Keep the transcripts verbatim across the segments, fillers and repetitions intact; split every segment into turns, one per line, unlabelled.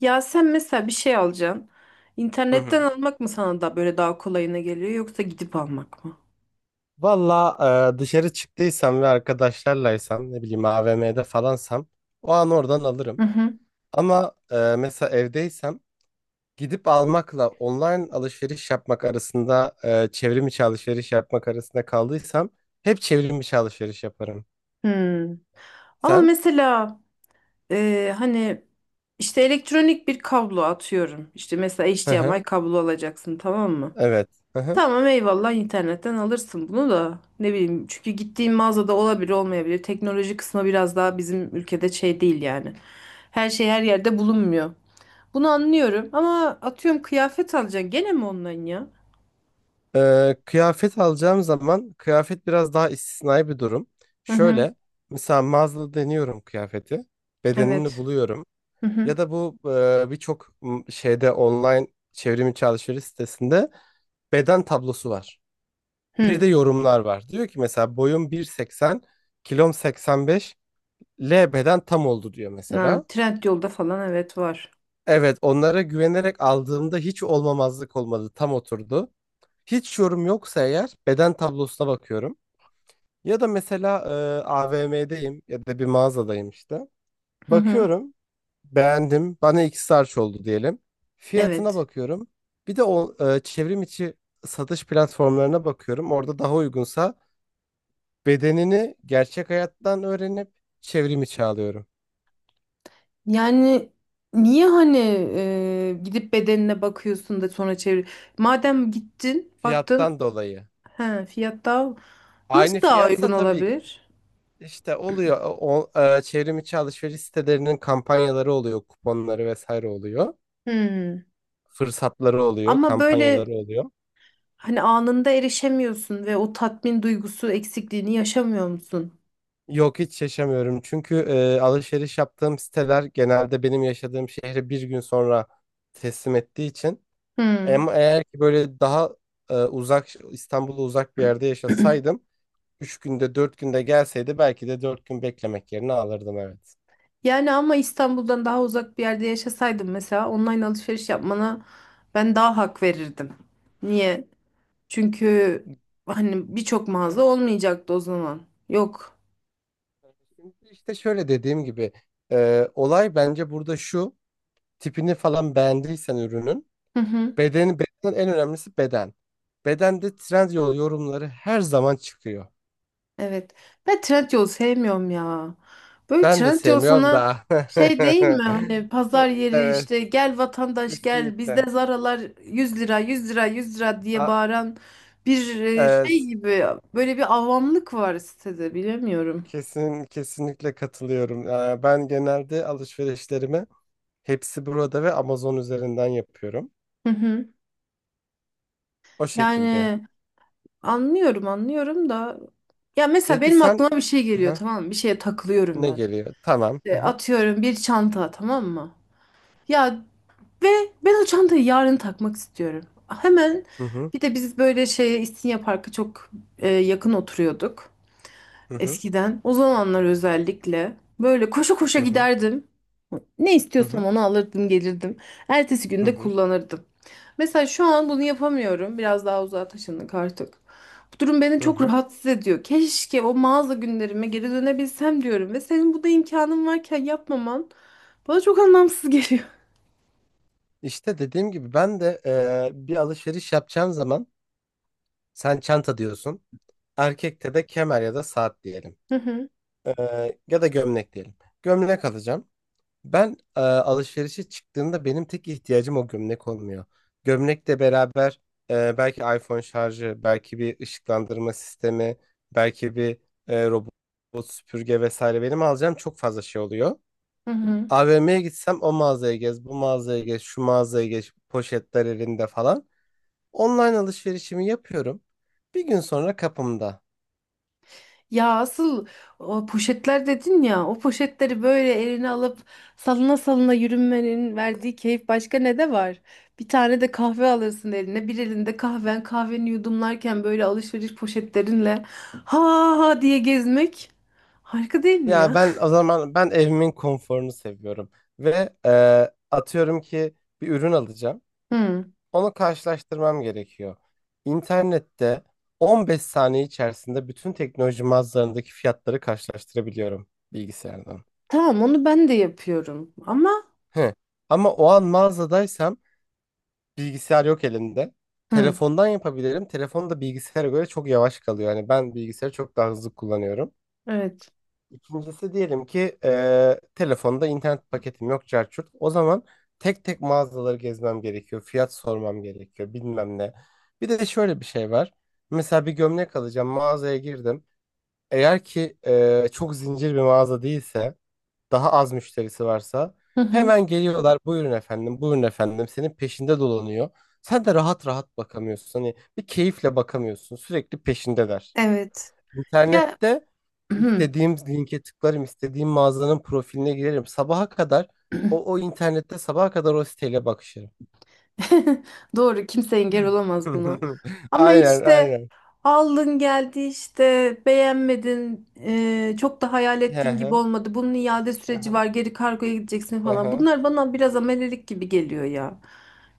Ya sen mesela bir şey alacaksın.
Hı
İnternetten
hı.
almak mı sana da böyle daha kolayına geliyor yoksa gidip almak mı?
Valla e, dışarı çıktıysam ve arkadaşlarlaysam ne bileyim A V M'de falansam o an oradan alırım.
Hı hı.
Ama e, mesela evdeysem gidip almakla online alışveriş yapmak arasında e, çevrim içi alışveriş yapmak arasında kaldıysam hep çevrim içi alışveriş yaparım.
Hmm. Ama
Sen?
mesela e, hani işte elektronik bir kablo atıyorum. İşte mesela
Hı hı.
H D M I kablo alacaksın, tamam mı?
Evet. Hı hı.
Tamam, eyvallah, internetten alırsın bunu da, ne bileyim, çünkü gittiğin mağazada olabilir, olmayabilir. Teknoloji kısmı biraz daha bizim ülkede şey değil yani. Her şey her yerde bulunmuyor. Bunu anlıyorum ama atıyorum kıyafet alacaksın, gene mi online ya?
E, kıyafet alacağım zaman kıyafet biraz daha istisnai bir durum.
Hı hı.
Şöyle mesela mağazada deniyorum kıyafeti. Bedenini
Evet.
buluyorum.
Hı hı.
Ya da bu e, birçok m, şeyde online çevrim içi alışveriş sitesinde beden tablosu var. Bir
Hı.
de yorumlar var. Diyor ki mesela boyum bir seksen, kilom seksen beş, L beden tam oldu diyor
Na,
mesela.
Trendyol'da falan evet var.
Evet, onlara güvenerek aldığımda hiç olmamazlık olmadı, tam oturdu. Hiç yorum yoksa eğer beden tablosuna bakıyorum. Ya da mesela e, A V M'deyim ya da bir mağazadayım işte.
Hı hı.
Bakıyorum. Beğendim. Bana iki sarç oldu diyelim. Fiyatına
Evet.
bakıyorum. Bir de o e, çevrim içi satış platformlarına bakıyorum. Orada daha uygunsa bedenini gerçek hayattan öğrenip çevrim içi alıyorum.
Yani niye, hani e, gidip bedenine bakıyorsun da sonra çevir. Madem gittin, baktın,
Fiyattan dolayı.
he, fiyat daha
Aynı
nasıl daha uygun
fiyatsa tabii ki
olabilir?
işte oluyor. O, e, çevrim içi alışveriş sitelerinin kampanyaları oluyor, kuponları vesaire oluyor.
Hı.
Fırsatları oluyor,
Ama böyle,
kampanyaları oluyor.
hani, anında erişemiyorsun ve o tatmin duygusu eksikliğini yaşamıyor musun?
Yok, hiç yaşamıyorum. Çünkü e, alışveriş yaptığım siteler genelde benim yaşadığım şehri bir gün sonra teslim ettiği için.
Hı.
Ama eğer ki böyle daha e, uzak, İstanbul'a uzak bir yerde yaşasaydım üç günde dört günde gelseydi belki de dört gün beklemek yerine alırdım, evet.
Yani ama İstanbul'dan daha uzak bir yerde yaşasaydım mesela, online alışveriş yapmana ben daha hak verirdim. Niye? Çünkü hani birçok mağaza
Evet,
olmayacaktı o zaman. Yok.
evet. Şimdi işte şöyle dediğim gibi e, olay bence burada şu: tipini falan beğendiysen ürünün
Hı hı.
bedeni, beden en önemlisi beden. Bedende Trendyol yorumları her zaman çıkıyor.
Evet. Ben Trendyol sevmiyorum ya. Böyle
Ben de
Trendyol
sevmiyorum
sana
da.
şey değil mi? Hani pazar yeri,
Evet,
işte gel vatandaş gel bizde
kesinlikle.
Zara'lar yüz lira yüz lira yüz lira diye
A-
bağıran bir e,
e,
şey gibi, böyle bir avamlık var sitede, bilemiyorum.
kesin kesinlikle katılıyorum. E, ben genelde alışverişlerimi hepsi burada ve Amazon üzerinden yapıyorum.
Hı hı.
O şekilde.
Yani anlıyorum, anlıyorum da, ya mesela
Peki
benim
sen,
aklıma bir şey geliyor,
Hı,
tamam mı? Bir şeye takılıyorum
ne
ben.
geliyor? Tamam. Hı
İşte
hı.
atıyorum bir çanta, tamam mı? Ya ve ben o çantayı yarın takmak istiyorum. Hemen.
Hı hı.
Bir de biz böyle şey, İstinye Park'a çok e, yakın oturuyorduk eskiden. O zamanlar özellikle böyle koşa koşa
Hı hı.
giderdim. Ne
Hı
istiyorsam
hı.
onu alırdım, gelirdim. Ertesi
Hı hı.
günde
Hı hı.
kullanırdım. Mesela şu an bunu yapamıyorum. Biraz daha uzağa taşındık artık. Bu durum beni
Hı
çok
hı.
rahatsız ediyor. Keşke o mağaza günlerime geri dönebilsem diyorum. Ve senin bu da imkanın varken yapmaman bana çok anlamsız geliyor.
İşte dediğim gibi ben de e, bir alışveriş yapacağım zaman sen çanta diyorsun. Erkekte de kemer ya da saat diyelim.
Hı hı.
Ee, ya da gömlek diyelim. Gömlek alacağım. Ben e, alışverişe çıktığımda benim tek ihtiyacım o gömlek olmuyor. Gömlekle beraber e, belki iPhone şarjı, belki bir ışıklandırma sistemi, belki bir e, robot süpürge vesaire, benim alacağım çok fazla şey oluyor.
Hı hı.
A V M'ye gitsem o mağazaya gez, bu mağazaya gez, şu mağazaya gez, poşetler elinde falan. Online alışverişimi yapıyorum. Bir gün sonra kapımda.
Ya asıl, o poşetler dedin ya, o poşetleri böyle eline alıp salına salına yürünmenin verdiği keyif başka ne de var? Bir tane de kahve alırsın eline, bir elinde kahven, kahveni yudumlarken böyle alışveriş poşetlerinle ha ha diye gezmek harika değil mi
Ya
ya?
ben, o zaman ben evimin konforunu seviyorum ve e, atıyorum ki bir ürün alacağım.
Hı.
Onu karşılaştırmam gerekiyor. İnternette on beş saniye içerisinde bütün teknoloji mağazalarındaki fiyatları karşılaştırabiliyorum, bilgisayardan.
Tamam, onu ben de yapıyorum ama
Hı. Ama o an mağazadaysam bilgisayar yok elimde.
hı.
Telefondan yapabilirim. Telefon da bilgisayara göre çok yavaş kalıyor. Yani ben bilgisayarı çok daha hızlı kullanıyorum.
Evet.
İkincisi, diyelim ki eee, telefonda internet paketim yok çarçurt. O zaman tek tek mağazaları gezmem gerekiyor. Fiyat sormam gerekiyor bilmem ne. Bir de şöyle bir şey var. Mesela bir gömlek alacağım, mağazaya girdim. Eğer ki eee, çok zincir bir mağaza değilse, daha az müşterisi varsa
Hı hı.
hemen geliyorlar, buyurun efendim buyurun efendim senin peşinde dolanıyor. Sen de rahat rahat bakamıyorsun. Hani bir keyifle bakamıyorsun, sürekli peşindeler.
Evet. Ya
İnternette istediğim linke tıklarım, istediğim mağazanın profiline girerim. Sabaha kadar o, o internette sabaha kadar o siteyle bakışırım.
doğru, kimse engel olamaz buna. Ama
Aynen,
işte
aynen.
aldın geldi işte, beğenmedin, e, çok da hayal
Hı
ettiğin gibi
hı,
olmadı. Bunun iade
hı
süreci
hı,
var, geri kargoya gideceksin
hı
falan.
hı.
Bunlar bana biraz amelelik gibi geliyor ya.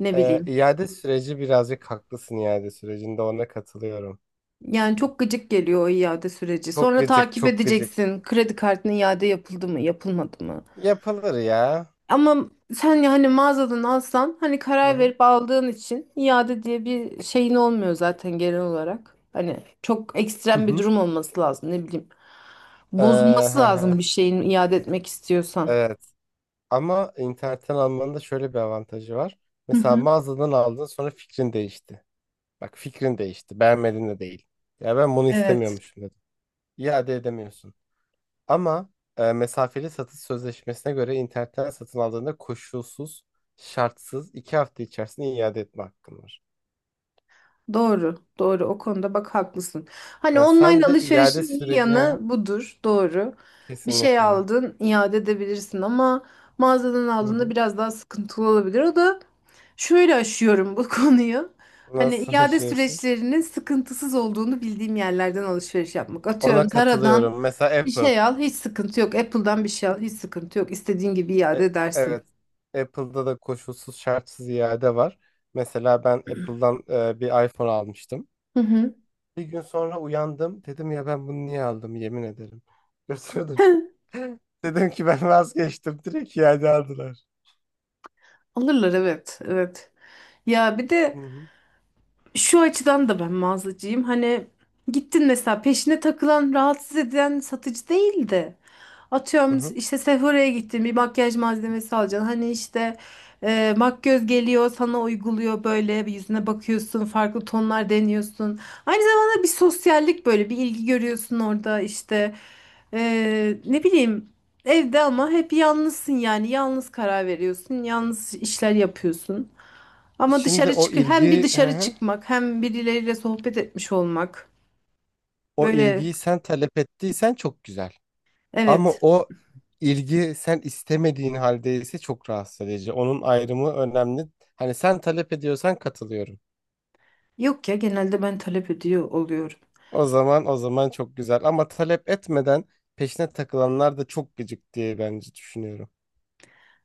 Ne
Ee,
bileyim.
iade süreci birazcık haklısın, iade sürecinde ona katılıyorum.
Yani çok gıcık geliyor o iade süreci.
Çok
Sonra
gıcık,
takip
çok gıcık.
edeceksin. Kredi kartının iade yapıldı mı, yapılmadı mı?
Yapılır ya.
Ama sen yani mağazadan alsan, hani
Hı
karar
hı.
verip aldığın için iade diye bir şeyin olmuyor zaten genel olarak. Hani çok
Hı
ekstrem bir
hı.
durum olması lazım, ne bileyim.
Ee,
Bozulması
hı
lazım
hı.
bir şeyin iade etmek istiyorsan.
Evet. Ama internetten almanın da şöyle bir avantajı var.
Hı
Mesela
hı.
mağazadan aldın sonra fikrin değişti. Bak, fikrin değişti. Beğenmedin de değil. Ya, ben bunu
Evet.
istemiyormuşum dedim. İade edemiyorsun. Ama e, mesafeli satış sözleşmesine göre internetten satın aldığında koşulsuz, şartsız iki hafta içerisinde iade etme hakkın var.
Doğru, doğru. O konuda bak haklısın. Hani
Ha, sen
online
de iade
alışverişin iyi
süreci.
yanı
Hı.
budur, doğru. Bir şey
Kesinlikle.
aldın, iade edebilirsin ama mağazadan
Hı
aldığında
hı.
biraz daha sıkıntılı olabilir. O da şöyle, aşıyorum bu konuyu. Hani
Nasıl
iade
yaşıyorsun?
süreçlerinin sıkıntısız olduğunu bildiğim yerlerden alışveriş yapmak. Atıyorum
Ona
Zara'dan
katılıyorum. Mesela
bir
Apple.
şey al, hiç sıkıntı yok. Apple'dan bir şey al, hiç sıkıntı yok. İstediğin gibi iade
E,
edersin.
evet. Apple'da da koşulsuz şartsız iade var. Mesela ben Apple'dan e, bir iPhone almıştım.
Hı hı.
Bir gün sonra uyandım. Dedim, ya ben bunu niye aldım, yemin ederim. Götürdüm. Dedim ki ben vazgeçtim. Direkt iade aldılar.
Alırlar, evet, evet. Ya bir
Hı
de
hı.
şu açıdan da ben mağazacıyım. Hani gittin mesela, peşine takılan, rahatsız eden satıcı değil de.
Hı
Atıyorum
hı.
işte Sephora'ya gittin, bir makyaj malzemesi alacaksın. Hani işte e, makyöz geliyor sana, uyguluyor böyle, bir yüzüne bakıyorsun, farklı tonlar deniyorsun. Aynı zamanda bir sosyallik, böyle bir ilgi görüyorsun orada işte. E, ne bileyim, evde ama hep yalnızsın yani, yalnız karar veriyorsun, yalnız işler yapıyorsun. Ama
Şimdi
dışarı
o
çık, hem bir
ilgi, hı
dışarı
hı.
çıkmak hem birileriyle sohbet etmiş olmak.
O
Böyle,
ilgiyi sen talep ettiysen çok güzel. Ama
evet.
o ilgi sen istemediğin halde ise çok rahatsız edici. Onun ayrımı önemli. Hani sen talep ediyorsan katılıyorum.
Yok ya, genelde ben talep ediyor oluyorum.
O zaman o zaman çok güzel. Ama talep etmeden peşine takılanlar da çok gıcık diye bence düşünüyorum.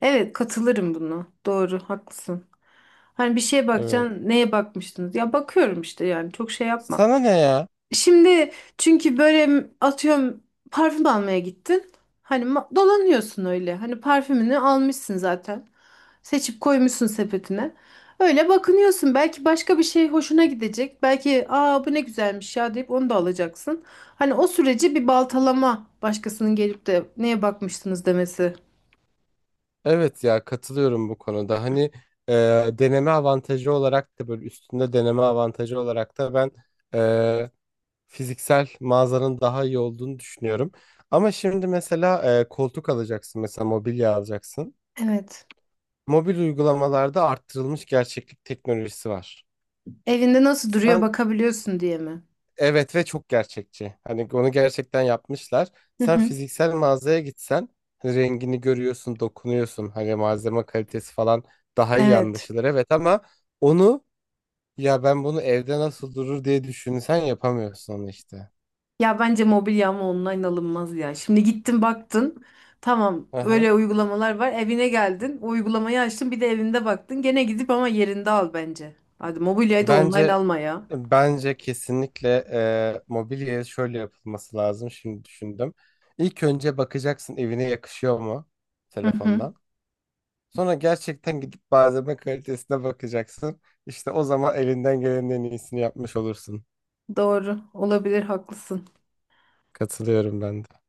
Evet, katılırım buna. Doğru, haklısın. Hani bir şeye
Evet.
bakacaksın, neye bakmıştınız? Ya bakıyorum işte, yani çok şey yapma.
Sana ne ya?
Şimdi, çünkü böyle atıyorum parfüm almaya gittin. Hani ma- dolanıyorsun öyle. Hani parfümünü almışsın zaten. Seçip koymuşsun sepetine. Öyle bakınıyorsun. Belki başka bir şey hoşuna gidecek. Belki aa bu ne güzelmiş ya deyip onu da alacaksın. Hani o süreci bir baltalama, başkasının gelip de neye bakmıştınız demesi.
Evet ya, katılıyorum bu konuda. Hani e, deneme avantajı olarak da, böyle üstünde deneme avantajı olarak da ben e, fiziksel mağazanın daha iyi olduğunu düşünüyorum. Ama şimdi mesela e, koltuk alacaksın, mesela mobilya alacaksın.
Evet.
Mobil uygulamalarda arttırılmış gerçeklik teknolojisi var.
Evinde nasıl duruyor
Sen.
bakabiliyorsun diye mi?
Evet, ve çok gerçekçi. Hani onu gerçekten yapmışlar.
Hı
Sen
hı.
fiziksel mağazaya gitsen hani rengini görüyorsun, dokunuyorsun. Hani malzeme kalitesi falan daha iyi
Evet.
anlaşılır. Evet, ama onu, ya ben bunu evde nasıl durur diye düşünsen yapamıyorsun onu işte.
Ya bence mobilya ama online alınmaz ya. Şimdi gittin, baktın. Tamam,
Aha.
öyle uygulamalar var. Evine geldin. O uygulamayı açtın, bir de evinde baktın. Gene gidip ama yerinde al bence. Hadi mobilyayı da online
Bence
alma ya.
bence kesinlikle e, mobilyaya şöyle yapılması lazım. Şimdi düşündüm. İlk önce bakacaksın evine yakışıyor mu,
Hı hı.
telefondan. Sonra gerçekten gidip malzeme kalitesine bakacaksın. İşte o zaman elinden gelenin en iyisini yapmış olursun.
Doğru. Olabilir, haklısın.
Katılıyorum ben de.